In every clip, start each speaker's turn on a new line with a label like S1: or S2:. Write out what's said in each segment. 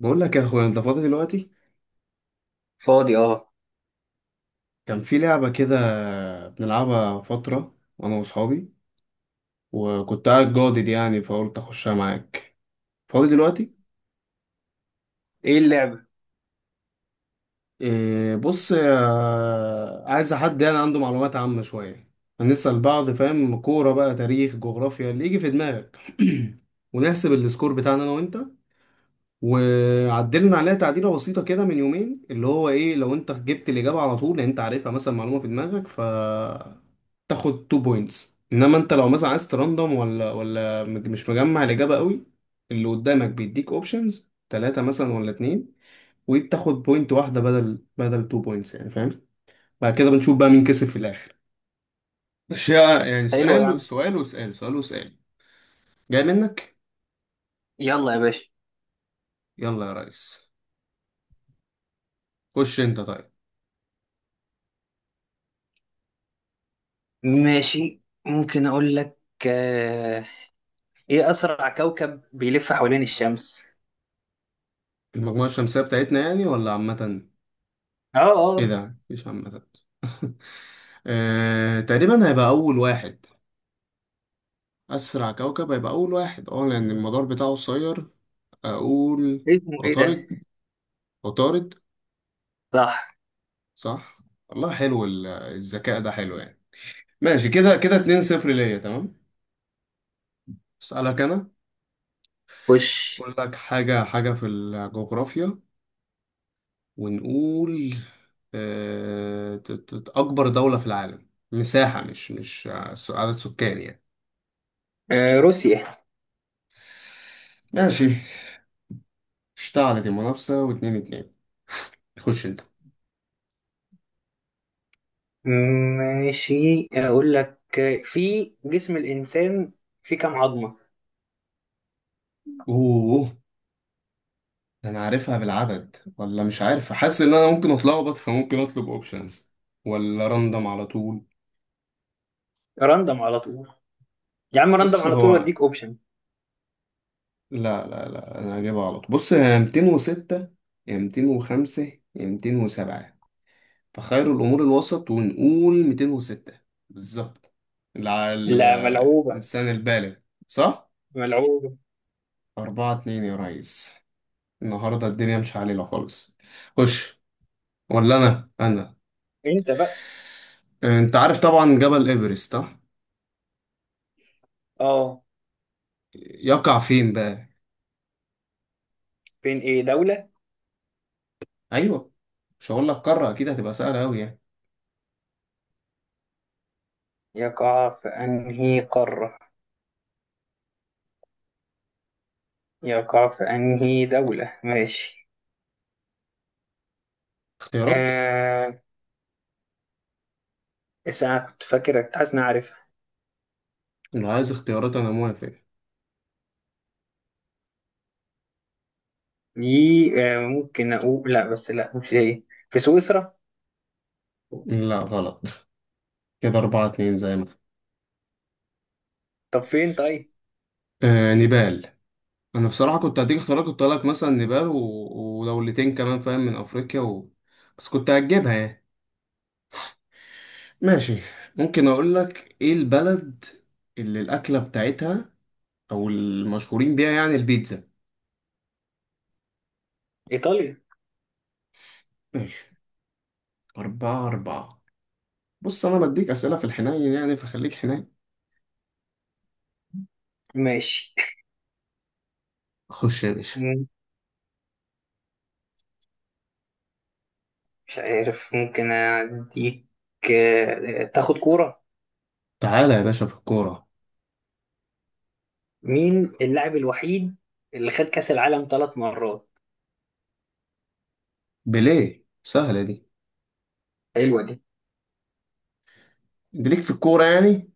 S1: بقول لك يا اخويا، انت فاضي دلوقتي؟
S2: فاضي، اه.
S1: كان في لعبة كده بنلعبها فترة انا واصحابي، وكنت قاعد جادد يعني فقلت اخشها معاك. فاضي دلوقتي؟
S2: ايه اللعبة؟
S1: إيه بص، عايز حد يعني عنده معلومات عامة شوية، هنسأل بعض. فاهم كورة بقى، تاريخ، جغرافيا، اللي يجي في دماغك. ونحسب السكور بتاعنا انا وانت. وعدلنا عليها تعديلة بسيطة كده من يومين، اللي هو ايه، لو انت جبت الإجابة على طول لان انت عارفها مثلا، معلومة في دماغك، ف تاخد 2 بوينتس. انما انت لو مثلا عايز تراندوم، ولا مش مجمع الاجابه قوي، اللي قدامك بيديك اوبشنز ثلاثه مثلا ولا اتنين، وبتاخد بوينت واحده بدل 2 بوينتس يعني، فاهم؟ بعد كده بنشوف بقى مين كسب في الاخر. اشياء يعني،
S2: حلو يا
S1: سؤال
S2: عم.
S1: سؤال وسؤال سؤال وسؤال. جاي منك.
S2: يلا يا باشا.
S1: يلا يا ريس. خش انت طيب.
S2: ماشي، ممكن اقول لك. آه، ايه اسرع كوكب بيلف حوالين الشمس؟
S1: المجموعه الشمسيه بتاعتنا يعني ولا عامه؟
S2: اه، اه.
S1: ايه ده مش عامه. آه، تقريبا هيبقى اول واحد. اسرع كوكب هيبقى اول واحد، اه، لان المدار بتاعه قصير. اقول
S2: اسمه ايه ده؟
S1: عطارد. عطارد.
S2: صح.
S1: صح. والله حلو، الذكاء ده حلو يعني. ماشي، كده كده 2 0 ليا، تمام. اسالك انا.
S2: خش.
S1: اقول لك حاجه حاجه في الجغرافيا، ونقول، اكبر دوله في العالم مساحه، مش عدد سكان يعني.
S2: روسيا.
S1: ماشي. اشتعلت المنافسه، واتنين اتنين. خش انت.
S2: ماشي، اقول لك. في جسم الانسان في كام عظمة؟
S1: اوه، ده انا عارفها بالعدد ولا مش عارف. حاسس ان انا ممكن اتلخبط، فممكن اطلب اوبشنز ولا راندم على طول.
S2: راندم على طول. يا عم راندم
S1: بص
S2: على طول
S1: هو،
S2: واديك اوبشن.
S1: لا لا لا انا هجيبها غلط. بص هي 206 يا 205 يا 207، فخير الامور الوسط ونقول 206. بالظبط. على
S2: لا، ملعوبة.
S1: الانسان البالغ. صح.
S2: ملعوبة.
S1: 4 2 يا ريس. النهارده الدنيا مش علينا خالص. خش. ولا انا؟
S2: انت بقى.
S1: انت عارف طبعا جبل ايفرست، صح؟
S2: اه.
S1: يقع فين بقى؟
S2: بين ايه دولة؟
S1: ايوه. مش هقول لك قاره اكيد هتبقى سهله قوي يعني.
S2: يقع في انهي قارة، يقع في أنهي دولة. ماشي.
S1: اختيارات؟
S2: آه بس أنا كنت حاسس إن أنا عارفها
S1: لو عايز اختيارات انا موافق.
S2: دي. ممكن أقول لا، بس لا، مش هي. في سويسرا.
S1: لا، غلط. كده أربعة اتنين، زي ما.
S2: طب فين طيب؟
S1: آه نيبال. أنا بصراحة كنت هديك اختيارات، كنت هقولك مثلا نيبال و... ودولتين كمان فاهم من أفريقيا و... بس كنت هجيبها يعني. ماشي. ممكن أقولك إيه البلد اللي الأكلة بتاعتها أو المشهورين بيها يعني، البيتزا.
S2: إيطاليا.
S1: ماشي. أربعة أربعة. بص، أنا بديك أسئلة في الحنين يعني، فخليك حنين.
S2: ماشي.
S1: خش يا باشا.
S2: مم، مش عارف، ممكن أديك. تاخد كورة.
S1: تعالى يا باشا في الكورة.
S2: مين اللاعب الوحيد اللي خد كأس العالم ثلاث مرات؟
S1: بيليه، سهلة دي.
S2: حلوة دي.
S1: أنت ليك في الكورة يعني.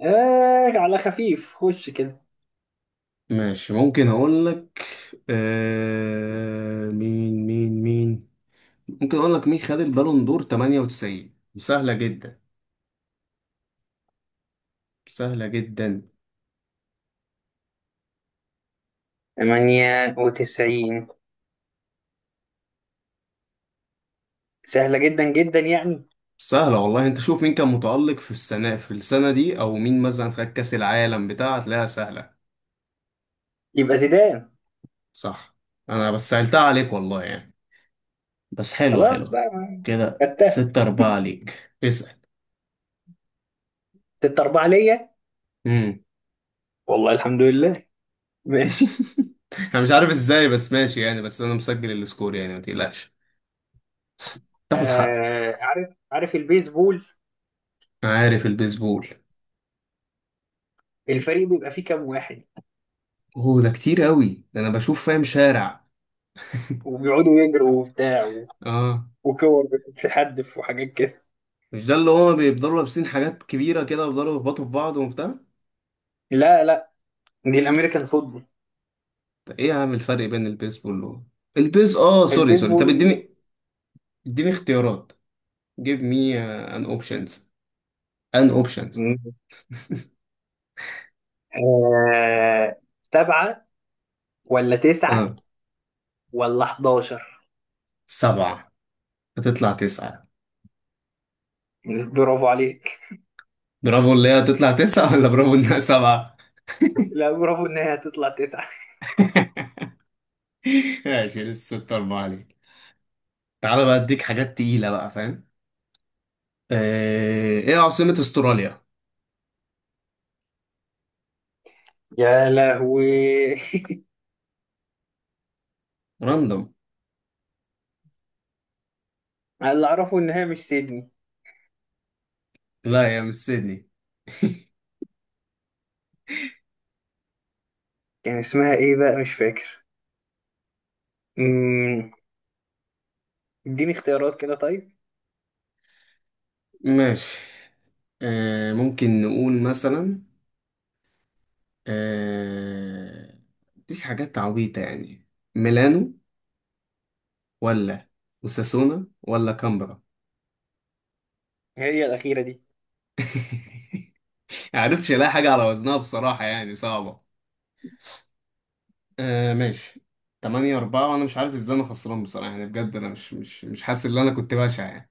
S2: على خفيف، خش كده.
S1: ماشي، ممكن اقول لك. آه، مين ممكن اقول لك، مين خد البالون دور 98؟ سهلة جدا، سهلة جدا.
S2: 98 سهلة جدا جدا يعني.
S1: سهلة والله، انت شوف مين كان متألق في السنة في السنة دي، او مين مثلا خد كأس العالم بتاع، هتلاقيها سهلة.
S2: يبقى زيدان.
S1: صح. انا بس سهلتها عليك والله يعني، بس حلوة،
S2: خلاص
S1: حلوة.
S2: بقى
S1: كده
S2: خدتها.
S1: ستة أربعة ليك، اسأل.
S2: 6-4 ليا.
S1: مم.
S2: والله الحمد لله. ماشي.
S1: انا مش عارف ازاي بس، ماشي يعني. بس انا مسجل السكور يعني، ما تقلقش، تاخد حقك.
S2: عارف عارف البيسبول.
S1: عارف البيسبول؟
S2: الفريق بيبقى فيه كام واحد؟
S1: هو ده كتير قوي، ده انا بشوف فاهم شارع.
S2: وبيقعدوا يجروا وبتاع
S1: اه.
S2: وكور بتتحدف وحاجات كده.
S1: مش ده اللي هو بيفضلوا لابسين حاجات كبيره كده ويفضلوا يخبطوا في بعض وبتاع؟
S2: لا، لا، دي الأمريكان فوتبول.
S1: طب ايه يا عم الفرق بين البيسبول و البيز، سوري سوري. طب
S2: البيسبول.
S1: اديني، اديني اختيارات. Give me an options. An options.
S2: سبعة ولا تسعة
S1: اه
S2: ولا 11؟
S1: سبعة. هتطلع تسعة.
S2: برافو عليك.
S1: برافو، اللي هي هتطلع تسعة ولا برافو انها سبعة؟
S2: لا، برافو ان هي هتطلع تسعة.
S1: ماشي، لسه ستة أربعة عليك. تعالى بقى اديك حاجات تقيلة بقى، فاهم؟ آه، ايه عاصمة استراليا؟
S2: يا لهوي.
S1: راندوم.
S2: أنا اللي اعرفه ان هي مش سيدني.
S1: لا يا، مش سيدني.
S2: كان اسمها ايه بقى، مش فاكر. مم، اديني اختيارات كده طيب.
S1: ماشي. آه، ممكن نقول مثلا، آه، ديك حاجات عبيطة يعني، ميلانو ولا وساسونا ولا كامبرا.
S2: هي الأخيرة دي.
S1: معرفتش الاقي حاجة على وزنها بصراحة يعني، صعبة. آه ماشي. تمانية أربعة، وأنا مش عارف إزاي أنا خسران بصراحة يعني، بجد أنا مش حاسس إن أنا كنت بشع يعني.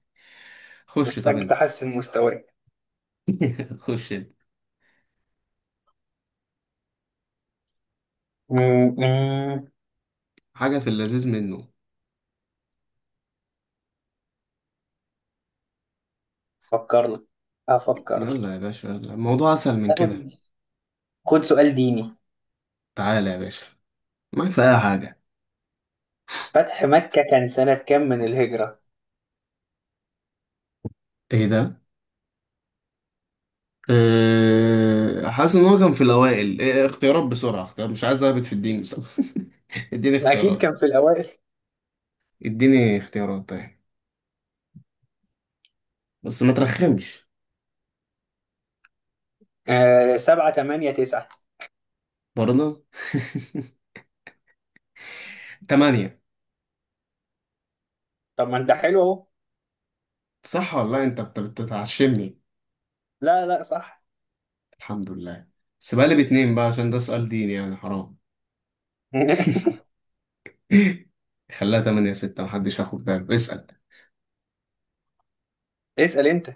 S1: خش طب
S2: محتاج
S1: أنت.
S2: تحسن مستواك.
S1: خش أنت.
S2: مم، مم،
S1: حاجة في اللذيذ منه.
S2: أفكر لك أفكر لك.
S1: يلا يا باشا، يلا الموضوع أسهل من كده.
S2: آخد- خد سؤال ديني.
S1: تعالى يا باشا، معاك في اي حاجه.
S2: فتح مكة كان سنة كام من الهجرة؟
S1: ايه ده. أه، حاسس ان هو كان في الاوائل، إيه اختيارات بسرعه، اختيار، مش عايز اهبط في الدين بس. اديني
S2: أكيد
S1: اختيارات.
S2: كان في الأوائل.
S1: اديني اختيارات طيب، بس ما ترخمش.
S2: سبعة تمانية تسعة.
S1: برضه. تمانية.
S2: طب ما أنت حلو أهو.
S1: صح والله، انت بتتعشمني.
S2: لا، لا، صح.
S1: الحمد لله. بس بقى لي باتنين بقى، عشان ده سؤال ديني يعني، حرام. خليها تمانية ستة، محدش هياخد باله. اسأل.
S2: اسأل أنت.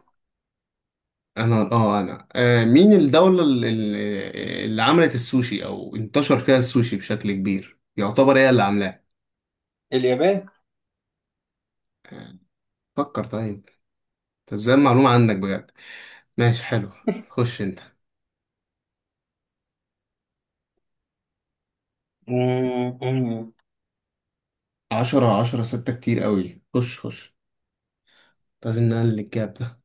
S1: انا، مين الدولة اللي عملت السوشي او انتشر فيها السوشي بشكل كبير يعتبر هي اللي عاملاه؟
S2: اليابان.
S1: آه، فكر طيب. انت ازاي المعلومة عندك بجد. ماشي حلو. خش انت.
S2: مم، مم،
S1: عشرة عشرة ستة كتير قوي، خش خش. لازم نقلل الجاب ده.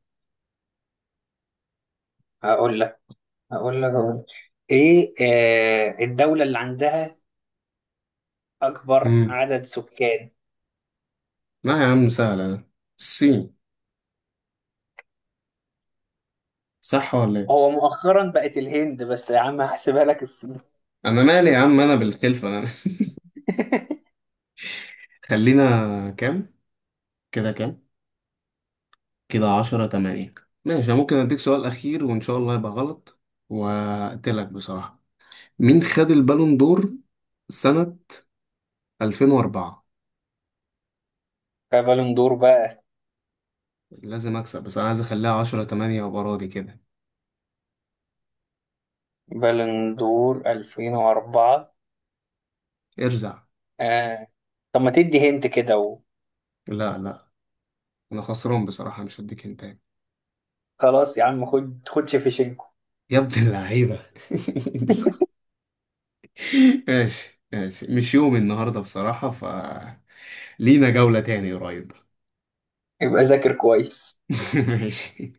S2: هقول لك هقول لك هقول لك إيه. الدولة اللي عندها أكبر
S1: مم.
S2: عدد سكان.
S1: لا يا عم سهلة ده، الصين. صح ولا ايه؟
S2: هو مؤخرا بقت الهند، بس يا عم هحسبها لك الصين.
S1: انا مالي يا عم، انا بالخلفة انا. خلينا. كام، كده كام، كده عشرة تمانية. ماشي. أنا ممكن أديك سؤال أخير وإن شاء الله يبقى غلط وأقتلك بصراحة. مين خد البالون دور سنة 2004؟
S2: فبالون دور بقى.
S1: لازم أكسب، بس أنا عايز أخليها عشرة تمانية وأبقى راضي كده.
S2: بالون دور 2004.
S1: ارزع.
S2: آه. طب ما تدي هنت كده.
S1: لا لا. أنا خسران بصراحة، مش هديك هنتاية.
S2: وخلاص يا عم، خد شيفشنكو.
S1: يا ابن اللعيبة. دي صح. ماشي ماشي، مش يوم النهاردة بصراحة. ف لينا جولة تاني قريب.
S2: يبقى ذاكر كويس.
S1: ماشي.